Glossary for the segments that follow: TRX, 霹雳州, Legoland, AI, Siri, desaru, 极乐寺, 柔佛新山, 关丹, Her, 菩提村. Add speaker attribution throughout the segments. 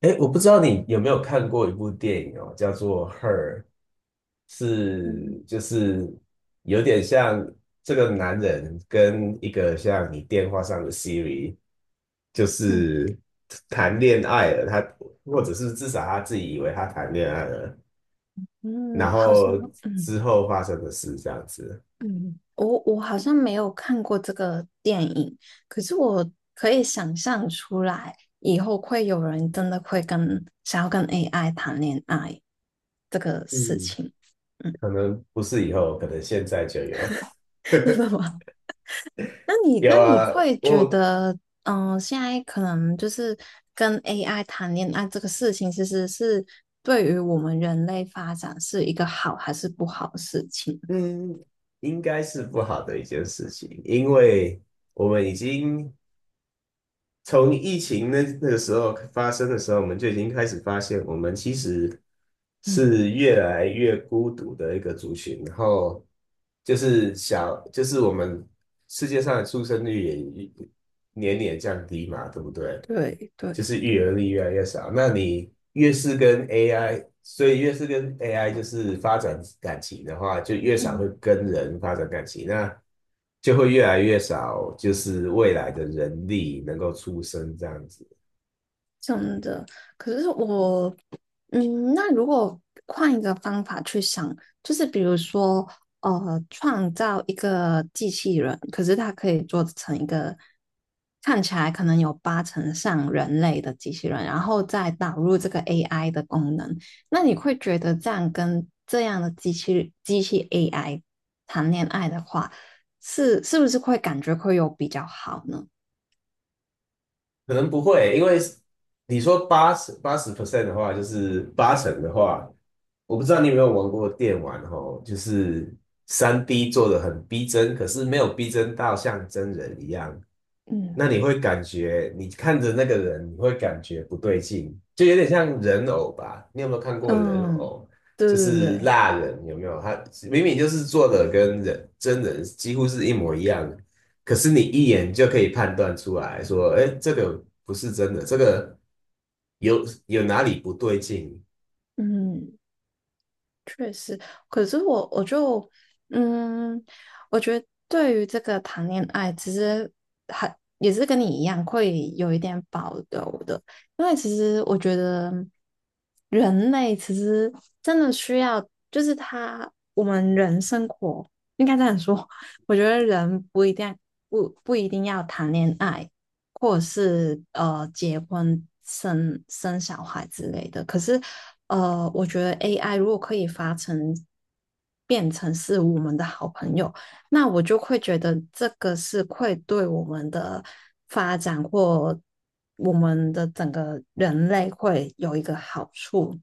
Speaker 1: 哎，我不知道你有没有看过一部电影哦，叫做《Her》，
Speaker 2: 嗯
Speaker 1: 是就是有点像这个男人跟一个像你电话上的 Siri，就
Speaker 2: 嗯
Speaker 1: 是谈恋爱了，他或者是至少他自己以为他谈恋爱了，
Speaker 2: 嗯，
Speaker 1: 然
Speaker 2: 好像
Speaker 1: 后
Speaker 2: 嗯
Speaker 1: 之后发生的事这样子。
Speaker 2: 嗯，我好像没有看过这个电影，可是我可以想象出来，以后会有人真的会跟想要跟 AI 谈恋爱这个事
Speaker 1: 嗯，
Speaker 2: 情，嗯，
Speaker 1: 可能不是以后，可能现在就有。
Speaker 2: 真的吗？那你
Speaker 1: 有
Speaker 2: 那你
Speaker 1: 啊，
Speaker 2: 会觉
Speaker 1: 我
Speaker 2: 得，嗯、现在可能就是跟 AI 谈恋爱这个事情，其实是对于我们人类发展是一个好还是不好的事情？
Speaker 1: 嗯，应该是不好的一件事情，因为我们已经从疫情那个时候发生的时候，我们就已经开始发现，我们其实
Speaker 2: 嗯，
Speaker 1: 是越来越孤独的一个族群，然后就是小，就是我们世界上的出生率也年年降低嘛，对不对？
Speaker 2: 对
Speaker 1: 就
Speaker 2: 对。
Speaker 1: 是育儿力越来越少。那你越是跟 AI，所以越是跟 AI 就是发展感情的话，就越少会
Speaker 2: 嗯，
Speaker 1: 跟人发展感情，那就会越来越少，就是未来的人力能够出生这样子。
Speaker 2: 真的。可是我，嗯，那如果换一个方法去想，就是比如说，创造一个机器人，可是它可以做成一个看起来可能有八成像人类的机器人，然后再导入这个 AI 的功能，那你会觉得这样跟这样的机器 AI 谈恋爱的话，是不是会感觉会有比较好呢？
Speaker 1: 可能不会，因为你说八十 percent 的话，就是八成的话，我不知道你有没有玩过电玩哦，就是3D 做的很逼真，可是没有逼真到像真人一样。
Speaker 2: 嗯。
Speaker 1: 那你会感觉你看着那个人，你会感觉不对劲，就有点像人偶吧？你有没有看过人
Speaker 2: 嗯，
Speaker 1: 偶？
Speaker 2: 对
Speaker 1: 就
Speaker 2: 对
Speaker 1: 是
Speaker 2: 对。
Speaker 1: 蜡人有没有？他明明就是做的跟真人几乎是一模一样的，可是你一眼就可以判断出来说，哎，这个不是真的，这个有哪里不对劲？
Speaker 2: 嗯，确实，可是我就嗯，我觉得对于这个谈恋爱，其实还也是跟你一样，会有一点保留的，因为其实我觉得人类其实真的需要，就是他我们人生活应该这样说，我觉得人不一定不一定要谈恋爱，或者是结婚生小孩之类的。可是我觉得 AI 如果可以变成是我们的好朋友，那我就会觉得这个是会对我们的发展或我们的整个人类会有一个好处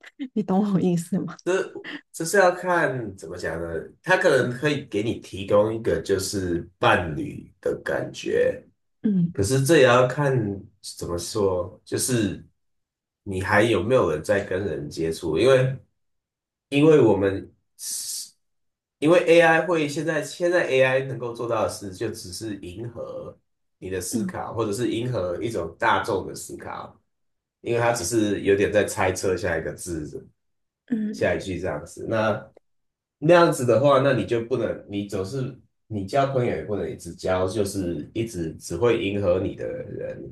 Speaker 2: 你懂我意思吗？
Speaker 1: 这这是要看怎么讲呢？他可能可以给你提供一个就是伴侣的感觉。
Speaker 2: 嗯
Speaker 1: 可是这也要看怎么说，就是你还有没有人在跟人接触？因为我们因为 AI 会现在 AI 能够做到的事，就只是迎合你的思
Speaker 2: 嗯
Speaker 1: 考，或者是迎合一种大众的思考，因为它只是有点在猜测下一个字
Speaker 2: 嗯，
Speaker 1: 下一句这样子。那样子的话，那你就不能，你总是你交朋友也不能一直交，就是一直只会迎合你的人，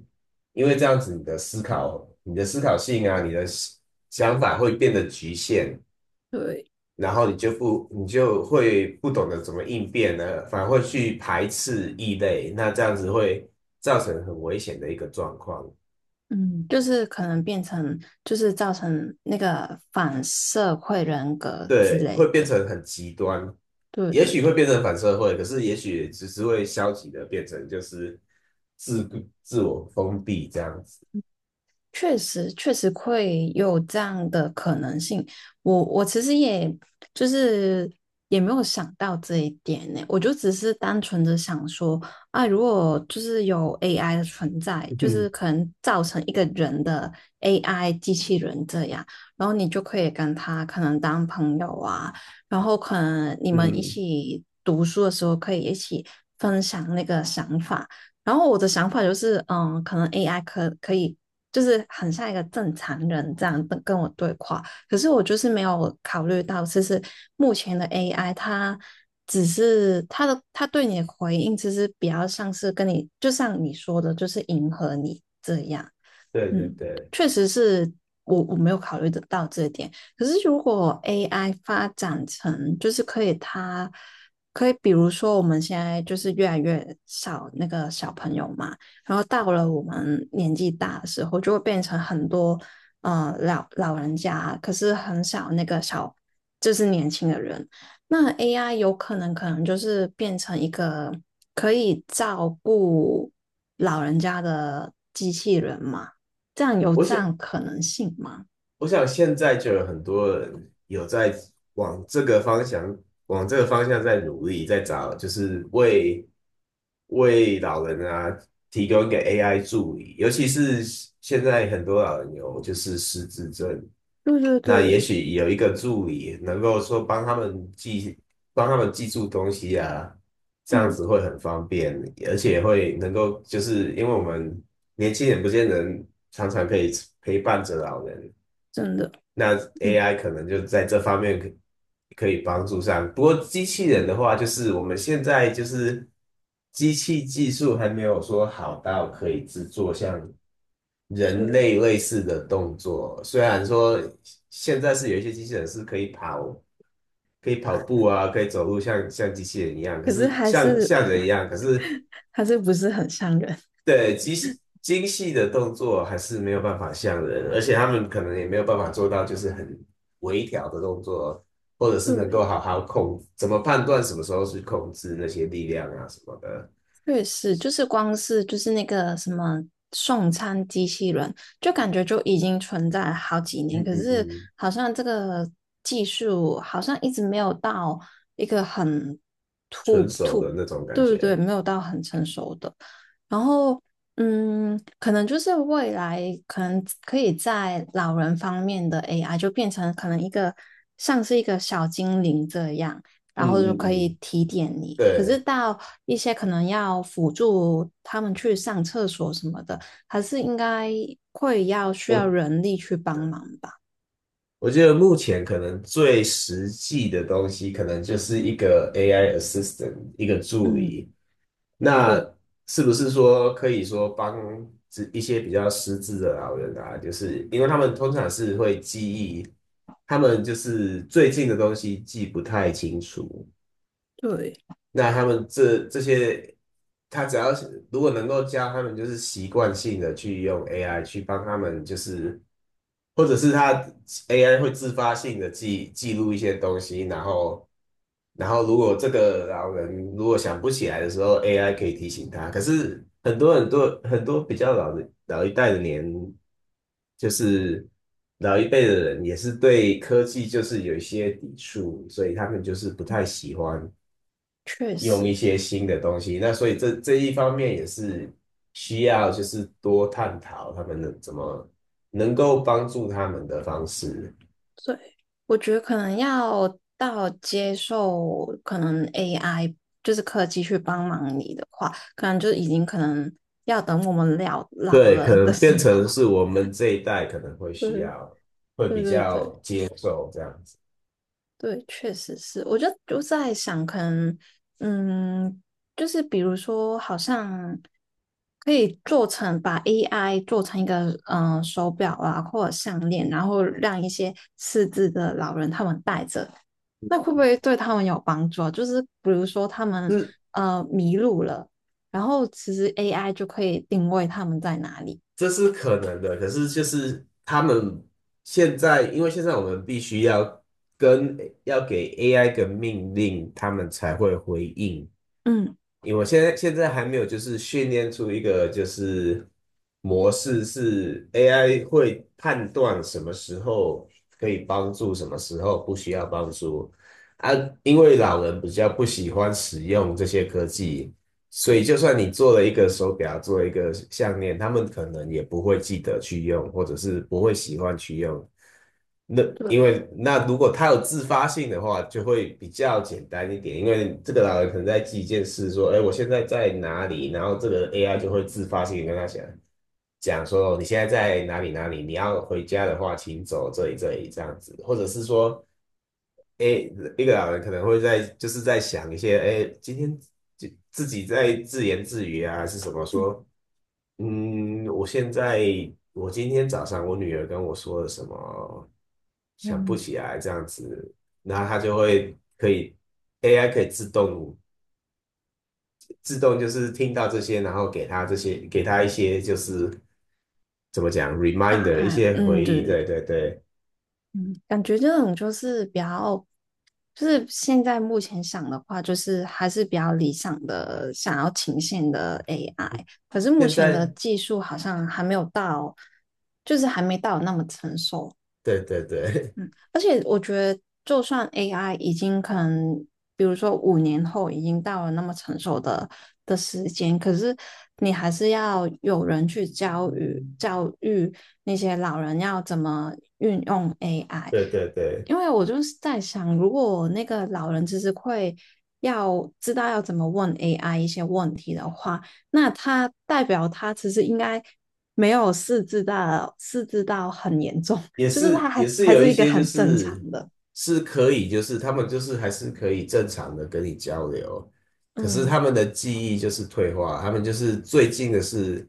Speaker 1: 因为这样子你的思考、你的思考性啊，你的想法会变得局限，
Speaker 2: 对，
Speaker 1: 然后你就不，你就会不懂得怎么应变呢，反而会去排斥异类，那这样子会造成很危险的一个状况。
Speaker 2: 嗯，就是可能变成，就是造成那个反社会人格之
Speaker 1: 对，会
Speaker 2: 类
Speaker 1: 变
Speaker 2: 的。
Speaker 1: 成很极端，
Speaker 2: 对
Speaker 1: 也
Speaker 2: 对
Speaker 1: 许会
Speaker 2: 对，
Speaker 1: 变成反社会，可是也许只是会消极的变成就是自自我封闭这样子。
Speaker 2: 确实，确实会有这样的可能性。我其实也就是也没有想到这一点呢，我就只是单纯的想说啊，如果就是有 AI 的存在，就是 可能造成一个人的 AI 机器人这样，然后你就可以跟他可能当朋友啊，然后可能你们一
Speaker 1: 嗯，
Speaker 2: 起读书的时候可以一起分享那个想法。然后我的想法就是，嗯，可能 AI 可以就是很像一个正常人这样跟我对话，可是我就是没有考虑到，其实目前的 AI 它只是它的它对你的回应，其实比较像是跟你，就像你说的，就是迎合你这样。
Speaker 1: 对对
Speaker 2: 嗯，
Speaker 1: 对，
Speaker 2: 确实是我没有考虑得到这点。可是如果 AI 发展成就是可以比如说我们现在就是越来越少那个小朋友嘛。然后到了我们年纪大的时候，就会变成很多老人家，可是很少那个就是年轻的人。那 AI 有可能就是变成一个可以照顾老人家的机器人嘛？这样有
Speaker 1: 我
Speaker 2: 这
Speaker 1: 想
Speaker 2: 样可能性吗？
Speaker 1: 我想现在就有很多人有在往这个方向，往这个方向在努力，在找，就是为老人啊提供一个 AI 助理，尤其是现在很多老人有就是失智症，
Speaker 2: 对对
Speaker 1: 那也
Speaker 2: 对，
Speaker 1: 许有一个助理能够说帮他们记，帮他们记住东西啊，这样
Speaker 2: 嗯，
Speaker 1: 子会很方便，而且会能够就是因为我们年轻人不见得常常可以陪伴着老人。
Speaker 2: 真的，
Speaker 1: 那
Speaker 2: 嗯
Speaker 1: AI 可能就在这方面可以帮助上。不过机器人
Speaker 2: 嗯，
Speaker 1: 的话，就是我们现在就是机器技术还没有说好到可以制作像人
Speaker 2: 对。
Speaker 1: 类类似的动作。虽然说现在是有一些机器人是可以跑步啊，可以走路像机器人一样，可
Speaker 2: 可是
Speaker 1: 是
Speaker 2: 还
Speaker 1: 像
Speaker 2: 是
Speaker 1: 像人一样，可是
Speaker 2: 还是不是很像人。
Speaker 1: 对，精细的动作还是没有办法像人，而且他们可能也没有办法做到，就是很微调的动作，或者是能够
Speaker 2: 对。
Speaker 1: 好好控，怎么判断什么时候去控制那些力量啊什么的。
Speaker 2: 确实，就是光是就是那个什么送餐机器人，就感觉就已经存在了好几年，
Speaker 1: 嗯
Speaker 2: 可
Speaker 1: 嗯
Speaker 2: 是
Speaker 1: 嗯，
Speaker 2: 好像这个技术好像一直没有到一个很
Speaker 1: 纯
Speaker 2: 突
Speaker 1: 手
Speaker 2: 突，
Speaker 1: 的那种感
Speaker 2: 对对对，
Speaker 1: 觉。
Speaker 2: 没有到很成熟的。然后，嗯，可能就是未来可能可以在老人方面的 AI 就变成可能一个像是一个小精灵这样。
Speaker 1: 嗯
Speaker 2: 然后就
Speaker 1: 嗯
Speaker 2: 可以
Speaker 1: 嗯，
Speaker 2: 提点你。可是
Speaker 1: 对，
Speaker 2: 到一些可能要辅助他们去上厕所什么的，还是应该会要需要
Speaker 1: 我
Speaker 2: 人力去帮忙吧？
Speaker 1: 我觉得目前可能最实际的东西，可能就是一个 AI assistant，一个助
Speaker 2: 嗯，
Speaker 1: 理。那
Speaker 2: 对
Speaker 1: 是不是说可以说帮这一些比较失智的老人啊，就是因为他们通常是会记忆，他们就是最近的东西记不太清楚，
Speaker 2: 对，
Speaker 1: 那他们这些，他只要是如果能够教他们，就是习惯性的去用 AI 去帮他们，就是或者是他 AI 会自发性的记录一些东西，然后如果这个老人如果想不起来的时候，AI 可以提醒他。可是很多很多很多比较老的老一代的就是老一辈的人也是对科技就是有一些抵触，所以他们就是不太喜欢。
Speaker 2: 确
Speaker 1: 用
Speaker 2: 实，
Speaker 1: 一些新的东西。那所以这一方面也是需要就是多探讨他们能怎么能够帮助他们的方式。
Speaker 2: 对，我觉得可能要到接受可能 AI 就是科技去帮忙你的话，可能就已经可能要等我们老老
Speaker 1: 对，可
Speaker 2: 了的
Speaker 1: 能
Speaker 2: 时
Speaker 1: 变成
Speaker 2: 候。
Speaker 1: 是我们这一代可能会需
Speaker 2: 对
Speaker 1: 要，会
Speaker 2: 对
Speaker 1: 比
Speaker 2: 对对，
Speaker 1: 较接受这样子，
Speaker 2: 对，确实是。我就在想，可能，嗯，就是比如说，好像可以做成把 AI 做成一个嗯、手表啊，或者项链，然后让一些失智的老人他们戴着，那会不会对他们有帮助啊？就是比如说他们
Speaker 1: 是
Speaker 2: 迷路了，然后其实 AI 就可以定位他们在哪里。
Speaker 1: 这是可能的。可是就是他们现在，因为现在我们必须跟要给 AI 个命令，他们才会回应。
Speaker 2: 嗯，
Speaker 1: 因为我现在还没有就是训练出一个就是模式是 AI 会判断什么时候可以帮助，什么时候不需要帮助啊。因为老人比较不喜欢使用这些科技，所
Speaker 2: 对
Speaker 1: 以就算你做了一个手表，做了一个项链，他们可能也不会记得去用，或者是不会喜欢去用。那
Speaker 2: 对，
Speaker 1: 因为那如果他有自发性的话，就会比较简单一点。因为这个老人可能在记一件事，说：“哎，我现在在哪里？”然后这个 AI 就会自发性地跟他讲说：“哦你现在在哪里？哪里？你要回家的话，请走这里这里这样子。”或者是说，哎，一个老人可能会在就是在想一些，哎，今天自己在自言自语啊，还是什么说？嗯，我现在我今天早上我女儿跟我说了什么？想不
Speaker 2: 嗯，
Speaker 1: 起来这样子，然后它就会可以 AI 可以自动就是听到这些，然后给它一些就是怎么讲
Speaker 2: 答
Speaker 1: reminder 一
Speaker 2: 案，
Speaker 1: 些
Speaker 2: 嗯，
Speaker 1: 回
Speaker 2: 对
Speaker 1: 忆，对
Speaker 2: 对
Speaker 1: 对对，
Speaker 2: 嗯，感觉这种就是比较，就是现在目前想的话，就是还是比较理想的，想要呈现的 AI。可是目
Speaker 1: 现
Speaker 2: 前的
Speaker 1: 在
Speaker 2: 技术好像还没有到，就是还没到那么成熟。
Speaker 1: 对对对
Speaker 2: 嗯，而且我觉得，就算 AI 已经可能，比如说5年后已经到了那么成熟的时间，可是你还是要有人去教育教育那些老人要怎么运用 AI。
Speaker 1: 对对对，
Speaker 2: 因为我就是在想，如果那个老人其实会要知道要怎么问 AI 一些问题的话，那他代表他其实应该没有四智到很严重，
Speaker 1: 也
Speaker 2: 就是他
Speaker 1: 是也
Speaker 2: 还
Speaker 1: 是
Speaker 2: 还
Speaker 1: 有
Speaker 2: 是
Speaker 1: 一
Speaker 2: 一个
Speaker 1: 些就
Speaker 2: 很正常
Speaker 1: 是
Speaker 2: 的。
Speaker 1: 是可以就是他们就是还是可以正常的跟你交流，可是
Speaker 2: 嗯
Speaker 1: 他们的记忆就是退化，他们就是最近的是。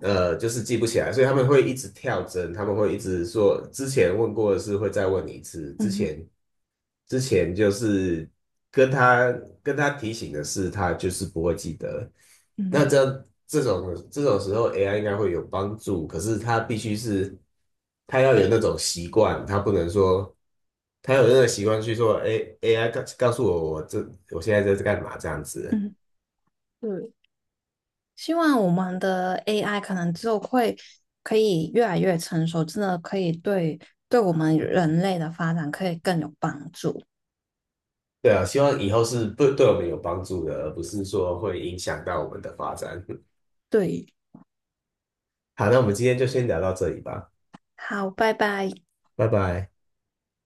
Speaker 1: 就是记不起来，所以他们会一直跳针，他们会一直说之前问过的事会再问你一次，之
Speaker 2: 嗯
Speaker 1: 前之前就是跟他跟他提醒的事，他就是不会记得。那
Speaker 2: 嗯
Speaker 1: 这种时候，AI 应该会有帮助，可是他必须是他要有那种习惯，他不能说他有那个习惯去说，哎，AI 告诉我现在在干嘛这样子。
Speaker 2: 嗯，对。希望我们的 AI 可能就会可以越来越成熟，真的可以对我们人类的发展可以更有帮助。
Speaker 1: 对啊，希望以后是对我们有帮助的，而不是说会影响到我们的发展。
Speaker 2: 对，
Speaker 1: 好，那我们今天就先聊到这里吧，
Speaker 2: 好，拜拜。
Speaker 1: 拜拜。